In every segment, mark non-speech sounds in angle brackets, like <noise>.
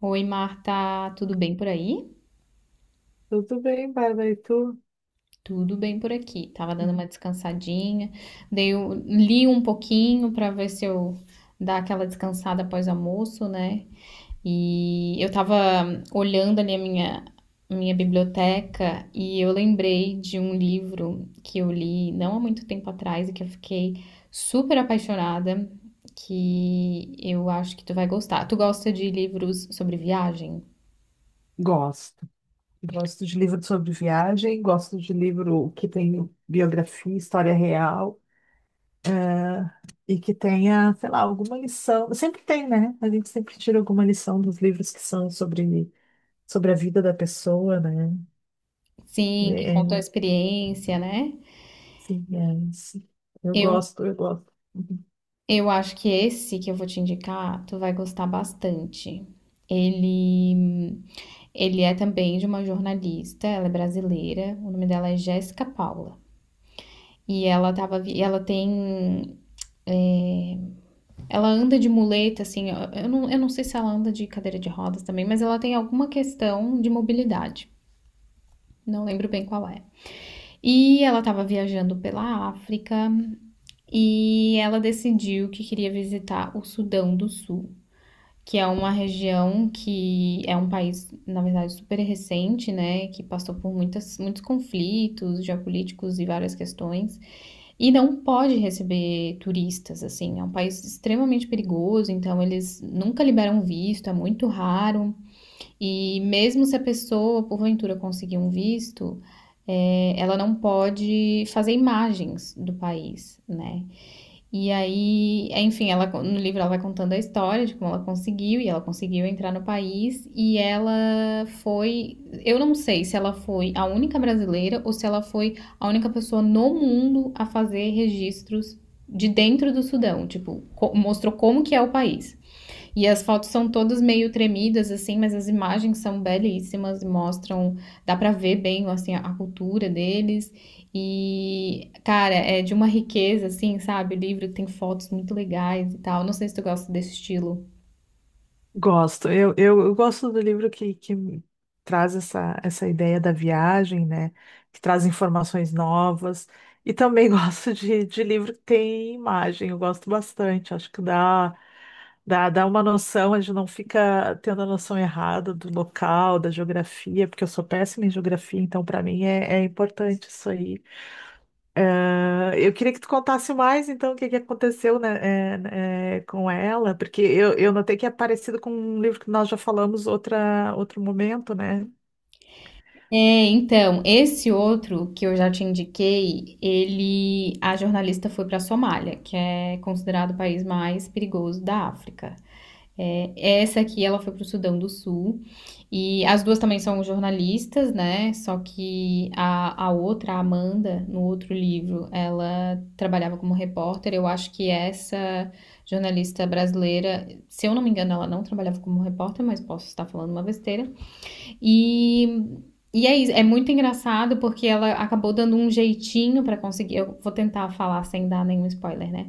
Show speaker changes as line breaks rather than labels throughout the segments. Oi, Marta, tudo bem por aí?
Tudo bem, Bárbara, e tu?
Tudo bem por aqui. Tava dando uma
Hum.
descansadinha, li um pouquinho para ver se eu dar aquela descansada após o almoço, né? E eu tava olhando ali a minha biblioteca e eu lembrei de um livro que eu li não há muito tempo atrás e que eu fiquei super apaixonada, que eu acho que tu vai gostar. Tu gosta de livros sobre viagem?
Gosto. Gosto de livro sobre viagem, gosto de livro que tem biografia, história real e que tenha, sei lá, alguma lição. Sempre tem, né? A gente sempre tira alguma lição dos livros que são sobre, sobre a vida da pessoa, né?
Sim, que contam
É,
a experiência, né?
sim, é, sim. Eu
Eu,
gosto, eu gosto.
eu acho que esse que eu vou te indicar, tu vai gostar bastante. Ele, ele é também de uma jornalista, ela é brasileira, o nome dela é Jéssica Paula. E ela tem, ela anda de muleta, assim, eu não sei se ela anda de cadeira de rodas também, mas ela tem alguma questão de mobilidade. Não lembro bem qual é. E ela estava viajando pela África e ela decidiu que queria visitar o Sudão do Sul, que é uma região que é um país, na verdade, super recente, né, que passou por muitos conflitos geopolíticos e várias questões, e não pode receber turistas, assim, é um país extremamente perigoso, então eles nunca liberam visto, é muito raro, e mesmo se a pessoa, porventura, conseguir um visto, ela não pode fazer imagens do país, né, e aí, enfim, ela no livro ela vai contando a história de como ela conseguiu e ela conseguiu entrar no país e ela foi, eu não sei se ela foi a única brasileira ou se ela foi a única pessoa no mundo a fazer registros de dentro do Sudão, tipo, mostrou como que é o país. E as fotos são todas meio tremidas, assim, mas as imagens são belíssimas, mostram, dá pra ver bem, assim, a cultura deles. E, cara, é de uma riqueza, assim, sabe? O livro tem fotos muito legais e tal. Não sei se tu gosta desse estilo.
Gosto. Eu gosto do livro que me traz essa, essa ideia da viagem, né? Que traz informações novas. E também <laughs> gosto de livro que tem imagem. Eu gosto bastante. Acho que dá uma noção, a gente não fica tendo a noção errada do local, da geografia, porque eu sou péssima em geografia, então para mim é importante isso aí. Ah, eu queria que tu contasse mais, então, o que que aconteceu, né, com ela, porque eu notei que é parecido com um livro que nós já falamos outra, outro momento, né?
É, então, esse outro que eu já te indiquei, ele, a jornalista foi pra Somália, que é considerado o país mais perigoso da África. É, essa aqui, ela foi para o Sudão do Sul. E as duas também são jornalistas, né? Só que a outra, a Amanda, no outro livro, ela trabalhava como repórter. Eu acho que essa jornalista brasileira, se eu não me engano, ela não trabalhava como repórter, mas posso estar falando uma besteira. E, e é isso, é muito engraçado porque ela acabou dando um jeitinho pra conseguir. Eu vou tentar falar sem dar nenhum spoiler, né?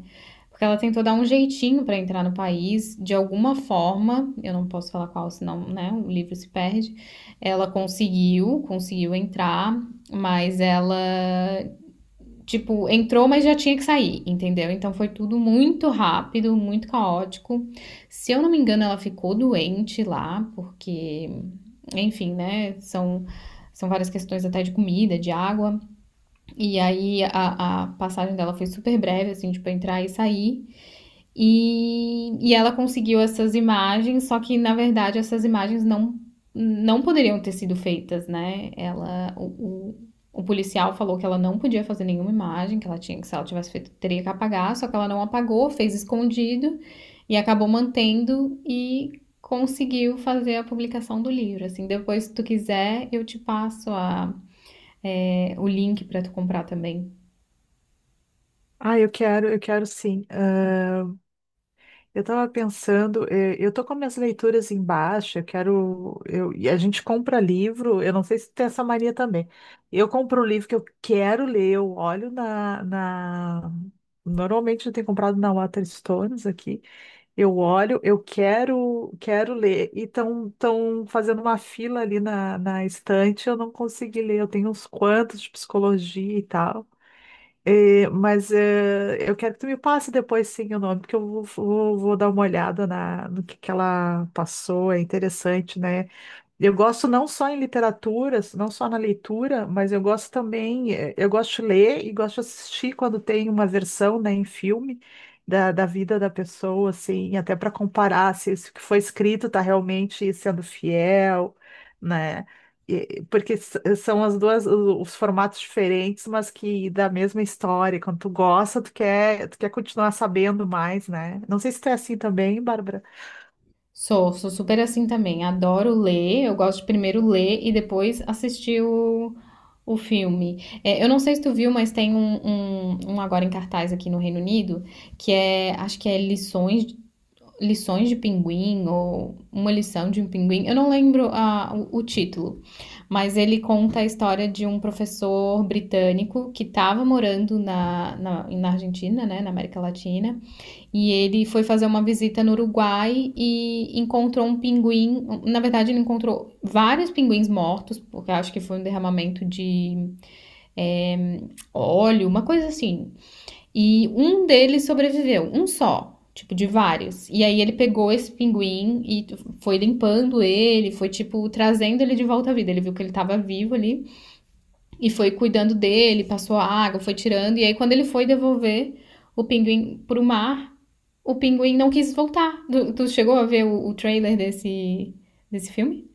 Porque ela tentou dar um jeitinho pra entrar no país, de alguma forma, eu não posso falar qual, senão, né, o livro se perde. Ela conseguiu entrar, mas ela tipo, entrou, mas já tinha que sair, entendeu? Então foi tudo muito rápido, muito caótico. Se eu não me engano, ela ficou doente lá, porque, enfim, né? São várias questões até de comida, de água. E aí a passagem dela foi super breve, assim, tipo, entrar e sair. E ela conseguiu essas imagens, só que na verdade essas imagens não, não poderiam ter sido feitas, né? O, o policial falou que ela não podia fazer nenhuma imagem, que ela tinha que se ela tivesse feito teria que apagar, só que ela não apagou, fez escondido e acabou mantendo e conseguiu fazer a publicação do livro. Assim, depois se tu quiser eu te passo a, é, o link para tu comprar também.
Ah, eu quero sim. Ah, eu estava pensando, eu tô com minhas leituras embaixo, eu quero, eu, e a gente compra livro, eu não sei se tem essa mania também. Eu compro o livro que eu quero ler, eu olho na... Normalmente eu tenho comprado na Waterstones aqui. Eu olho, eu quero, quero ler. E estão fazendo uma fila ali na estante, eu não consegui ler. Eu tenho uns quantos de psicologia e tal. Mas eu quero que tu me passe depois sim o nome, porque vou dar uma olhada na, no que ela passou. É interessante, né? Eu gosto não só em literaturas, não só na leitura, mas eu gosto também, eu gosto de ler e gosto de assistir quando tem uma versão, né, em filme da, da vida da pessoa, assim, até para comparar se isso que foi escrito está realmente sendo fiel, né? E- porque s- são as duas, o- os formatos diferentes, mas que da mesma história. Quando tu gosta, tu quer continuar sabendo mais, né? Não sei se tu é assim também, Bárbara.
Sou, sou super assim também. Adoro ler, eu gosto de primeiro ler e depois assistir o filme. É, eu não sei se tu viu, mas tem um agora em cartaz aqui no Reino Unido, que é, acho que é Lições de Pinguim, ou Uma Lição de um Pinguim. Eu não lembro ah, o título, mas ele conta a história de um professor britânico que estava morando na Argentina, né, na América Latina. E ele foi fazer uma visita no Uruguai e encontrou um pinguim. Na verdade, ele encontrou vários pinguins mortos, porque acho que foi um derramamento de é, óleo, uma coisa assim. E um deles sobreviveu, um só. Tipo, de vários. E aí ele pegou esse pinguim e foi limpando ele, foi, tipo, trazendo ele de volta à vida. Ele viu que ele estava vivo ali. E foi cuidando dele, passou água, foi tirando. E aí, quando ele foi devolver o pinguim pro mar, o pinguim não quis voltar. Tu, tu chegou a ver o trailer desse, desse filme?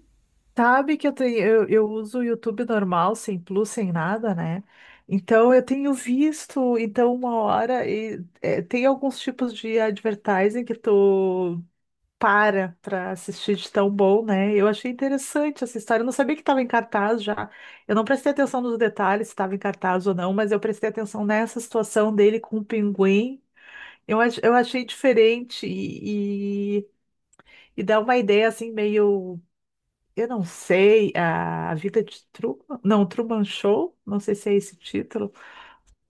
Sabe que eu tenho, eu uso o YouTube normal, sem plus, sem nada, né? Então eu tenho visto, então uma hora e é, tem alguns tipos de advertising que tu para assistir de tão bom, né? Eu achei interessante essa história. Eu não sabia que estava em cartaz já. Eu não prestei atenção nos detalhes se estava em cartaz ou não, mas eu prestei atenção nessa situação dele com o pinguim. Eu achei diferente e dá uma ideia assim meio eu não sei, a Vida de Truman, não, Truman Show, não sei se é esse título.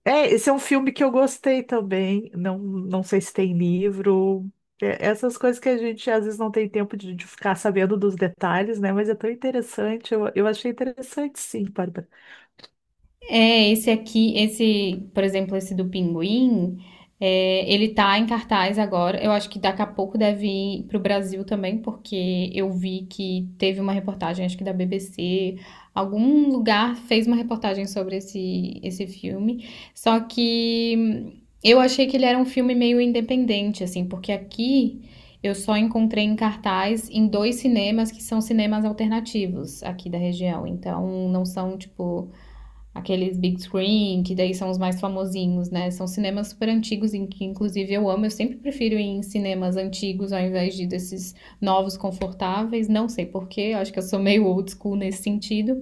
É, esse é um filme que eu gostei também, não sei se tem livro. É, essas coisas que a gente às vezes não tem tempo de ficar sabendo dos detalhes, né? Mas é tão interessante, eu achei interessante sim, Bárbara.
É, esse aqui, esse, por exemplo, esse do Pinguim, é, ele tá em cartaz agora. Eu acho que daqui a pouco deve ir pro Brasil também, porque eu vi que teve uma reportagem, acho que da BBC, algum lugar fez uma reportagem sobre esse, esse filme. Só que eu achei que ele era um filme meio independente, assim, porque aqui eu só encontrei em cartaz em dois cinemas que são cinemas alternativos aqui da região. Então, não são, tipo, aqueles big screen, que daí são os mais famosinhos, né? São cinemas super antigos, em que inclusive eu amo. Eu sempre prefiro ir em cinemas antigos ao invés de desses novos confortáveis. Não sei porquê, acho que eu sou meio old school nesse sentido.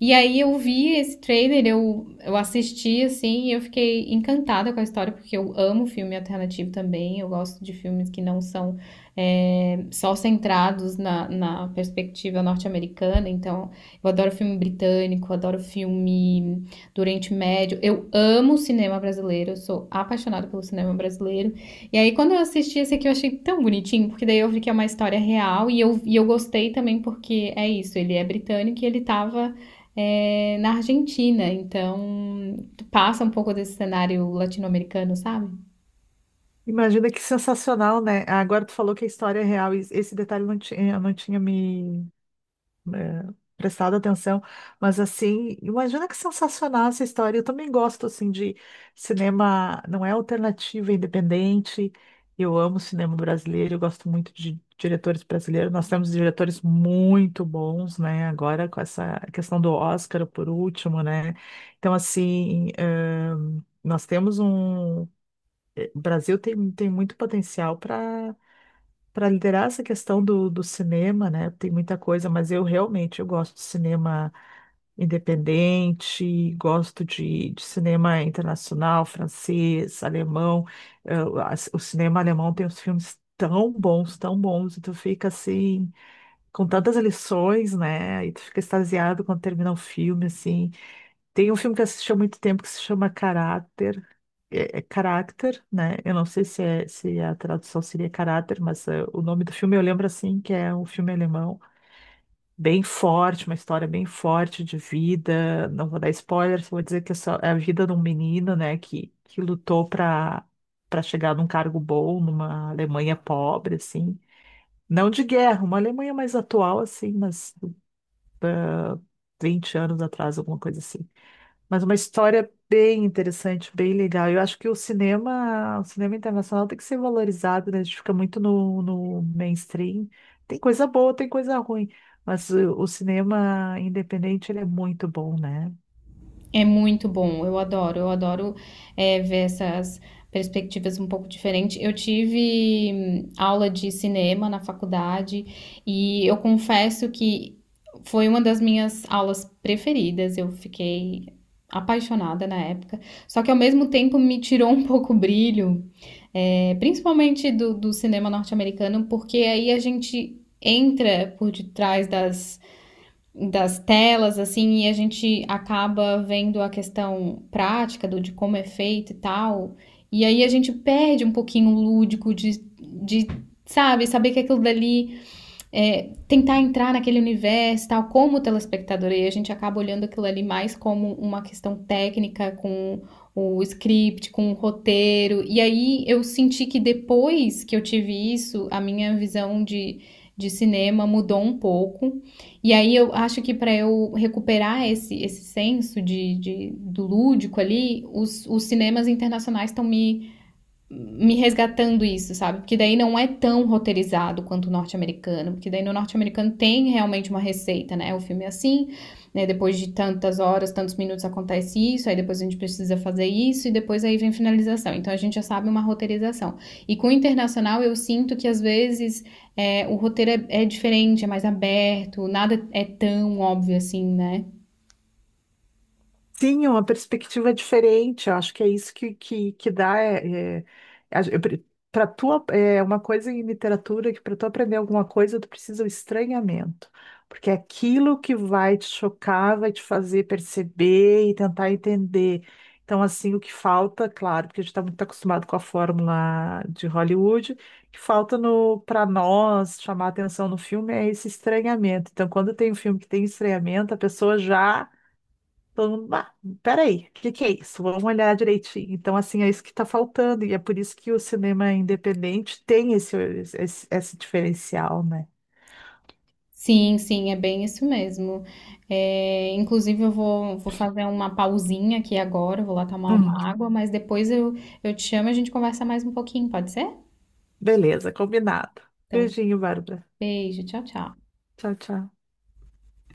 E aí eu vi esse trailer, eu assisti, assim, e eu fiquei encantada com a história, porque eu amo filme alternativo também, eu gosto de filmes que não são só centrados na perspectiva norte-americana, então eu adoro filme britânico, adoro filme do Oriente Médio, eu amo o cinema brasileiro, eu sou apaixonada pelo cinema brasileiro, e aí quando eu assisti esse aqui eu achei tão bonitinho, porque daí eu vi que é uma história real, e eu gostei também porque é isso, ele é britânico e ele tava na Argentina, então passa um pouco desse cenário latino-americano, sabe?
Imagina que sensacional, né? Agora tu falou que a história é real, e esse detalhe não tinha me, prestado atenção, mas assim, imagina que sensacional essa história. Eu também gosto assim de cinema, não é alternativo, é independente. Eu amo cinema brasileiro, eu gosto muito de diretores brasileiros. Nós temos diretores muito bons, né? Agora com essa questão do Oscar por último, né? Então assim, nós temos um o Brasil tem muito potencial para liderar essa questão do, do cinema, né? Tem muita coisa, mas eu gosto de cinema independente, gosto de cinema internacional, francês, alemão. O cinema alemão tem uns filmes tão bons, e tu fica assim, com tantas lições, né? E tu fica extasiado quando termina o filme, assim. Tem um filme que eu assisti há muito tempo que se chama Caráter. É, é Carácter, né? Eu não sei se a tradução seria Caráter, mas é, o nome do filme eu lembro assim, que é um filme alemão bem forte, uma história bem forte de vida. Não vou dar spoiler, só vou dizer que é a vida de um menino, né, que lutou para chegar num cargo bom numa Alemanha pobre, assim. Não de guerra, uma Alemanha mais atual, assim, mas 20 anos atrás, alguma coisa assim. Mas uma história bem interessante, bem legal. Eu acho que o cinema internacional tem que ser valorizado, né? A gente fica muito no, no mainstream. Tem coisa boa, tem coisa ruim, mas o cinema independente ele é muito bom, né?
É muito bom, eu adoro ver essas perspectivas um pouco diferentes. Eu tive aula de cinema na faculdade e eu confesso que foi uma das minhas aulas preferidas, eu fiquei apaixonada na época, só que ao mesmo tempo me tirou um pouco o brilho. É, principalmente do cinema norte-americano, porque aí a gente entra por detrás das, das telas, assim, e a gente acaba vendo a questão prática do, de como é feito e tal. E aí a gente perde um pouquinho o lúdico de, sabe, saber que aquilo dali tentar entrar naquele universo tal, como telespectador, e a gente acaba olhando aquilo ali mais como uma questão técnica, com o script, com o roteiro. E aí eu senti que depois que eu tive isso, a minha visão de cinema mudou um pouco. E aí eu acho que para eu recuperar esse senso do lúdico ali, os cinemas internacionais estão me resgatando isso, sabe? Porque daí não é tão roteirizado quanto o norte-americano, porque daí no norte-americano tem realmente uma receita, né? O filme é assim, né? Depois de tantas horas, tantos minutos acontece isso, aí depois a gente precisa fazer isso e depois aí vem finalização. Então a gente já sabe uma roteirização. E com o internacional eu sinto que às vezes o roteiro é diferente, é mais aberto, nada é tão óbvio assim, né?
Sim, é uma perspectiva diferente. Eu acho que é isso que dá. É, para tu, ap- é uma coisa em literatura que para tu aprender alguma coisa, tu precisa do estranhamento. Porque é aquilo que vai te chocar, vai te fazer perceber e tentar entender. Então, assim, o que falta, claro, porque a gente está muito acostumado com a fórmula de Hollywood, o que falta no para nós chamar atenção no filme é esse estranhamento. Então, quando tem um filme que tem estranhamento, a pessoa já todo mundo, ah, peraí, o que que é isso? Vamos olhar direitinho. Então, assim, é isso que está faltando, e é por isso que o cinema independente tem esse diferencial, né?
Sim, sim, é bem isso mesmo. É, inclusive, vou fazer uma pausinha aqui agora, eu vou lá tomar uma
Uhum.
água, mas depois eu te chamo e a gente conversa mais um pouquinho, pode ser?
Beleza, combinado.
Então,
Beijinho, Bárbara.
beijo, tchau, tchau.
Tchau, tchau.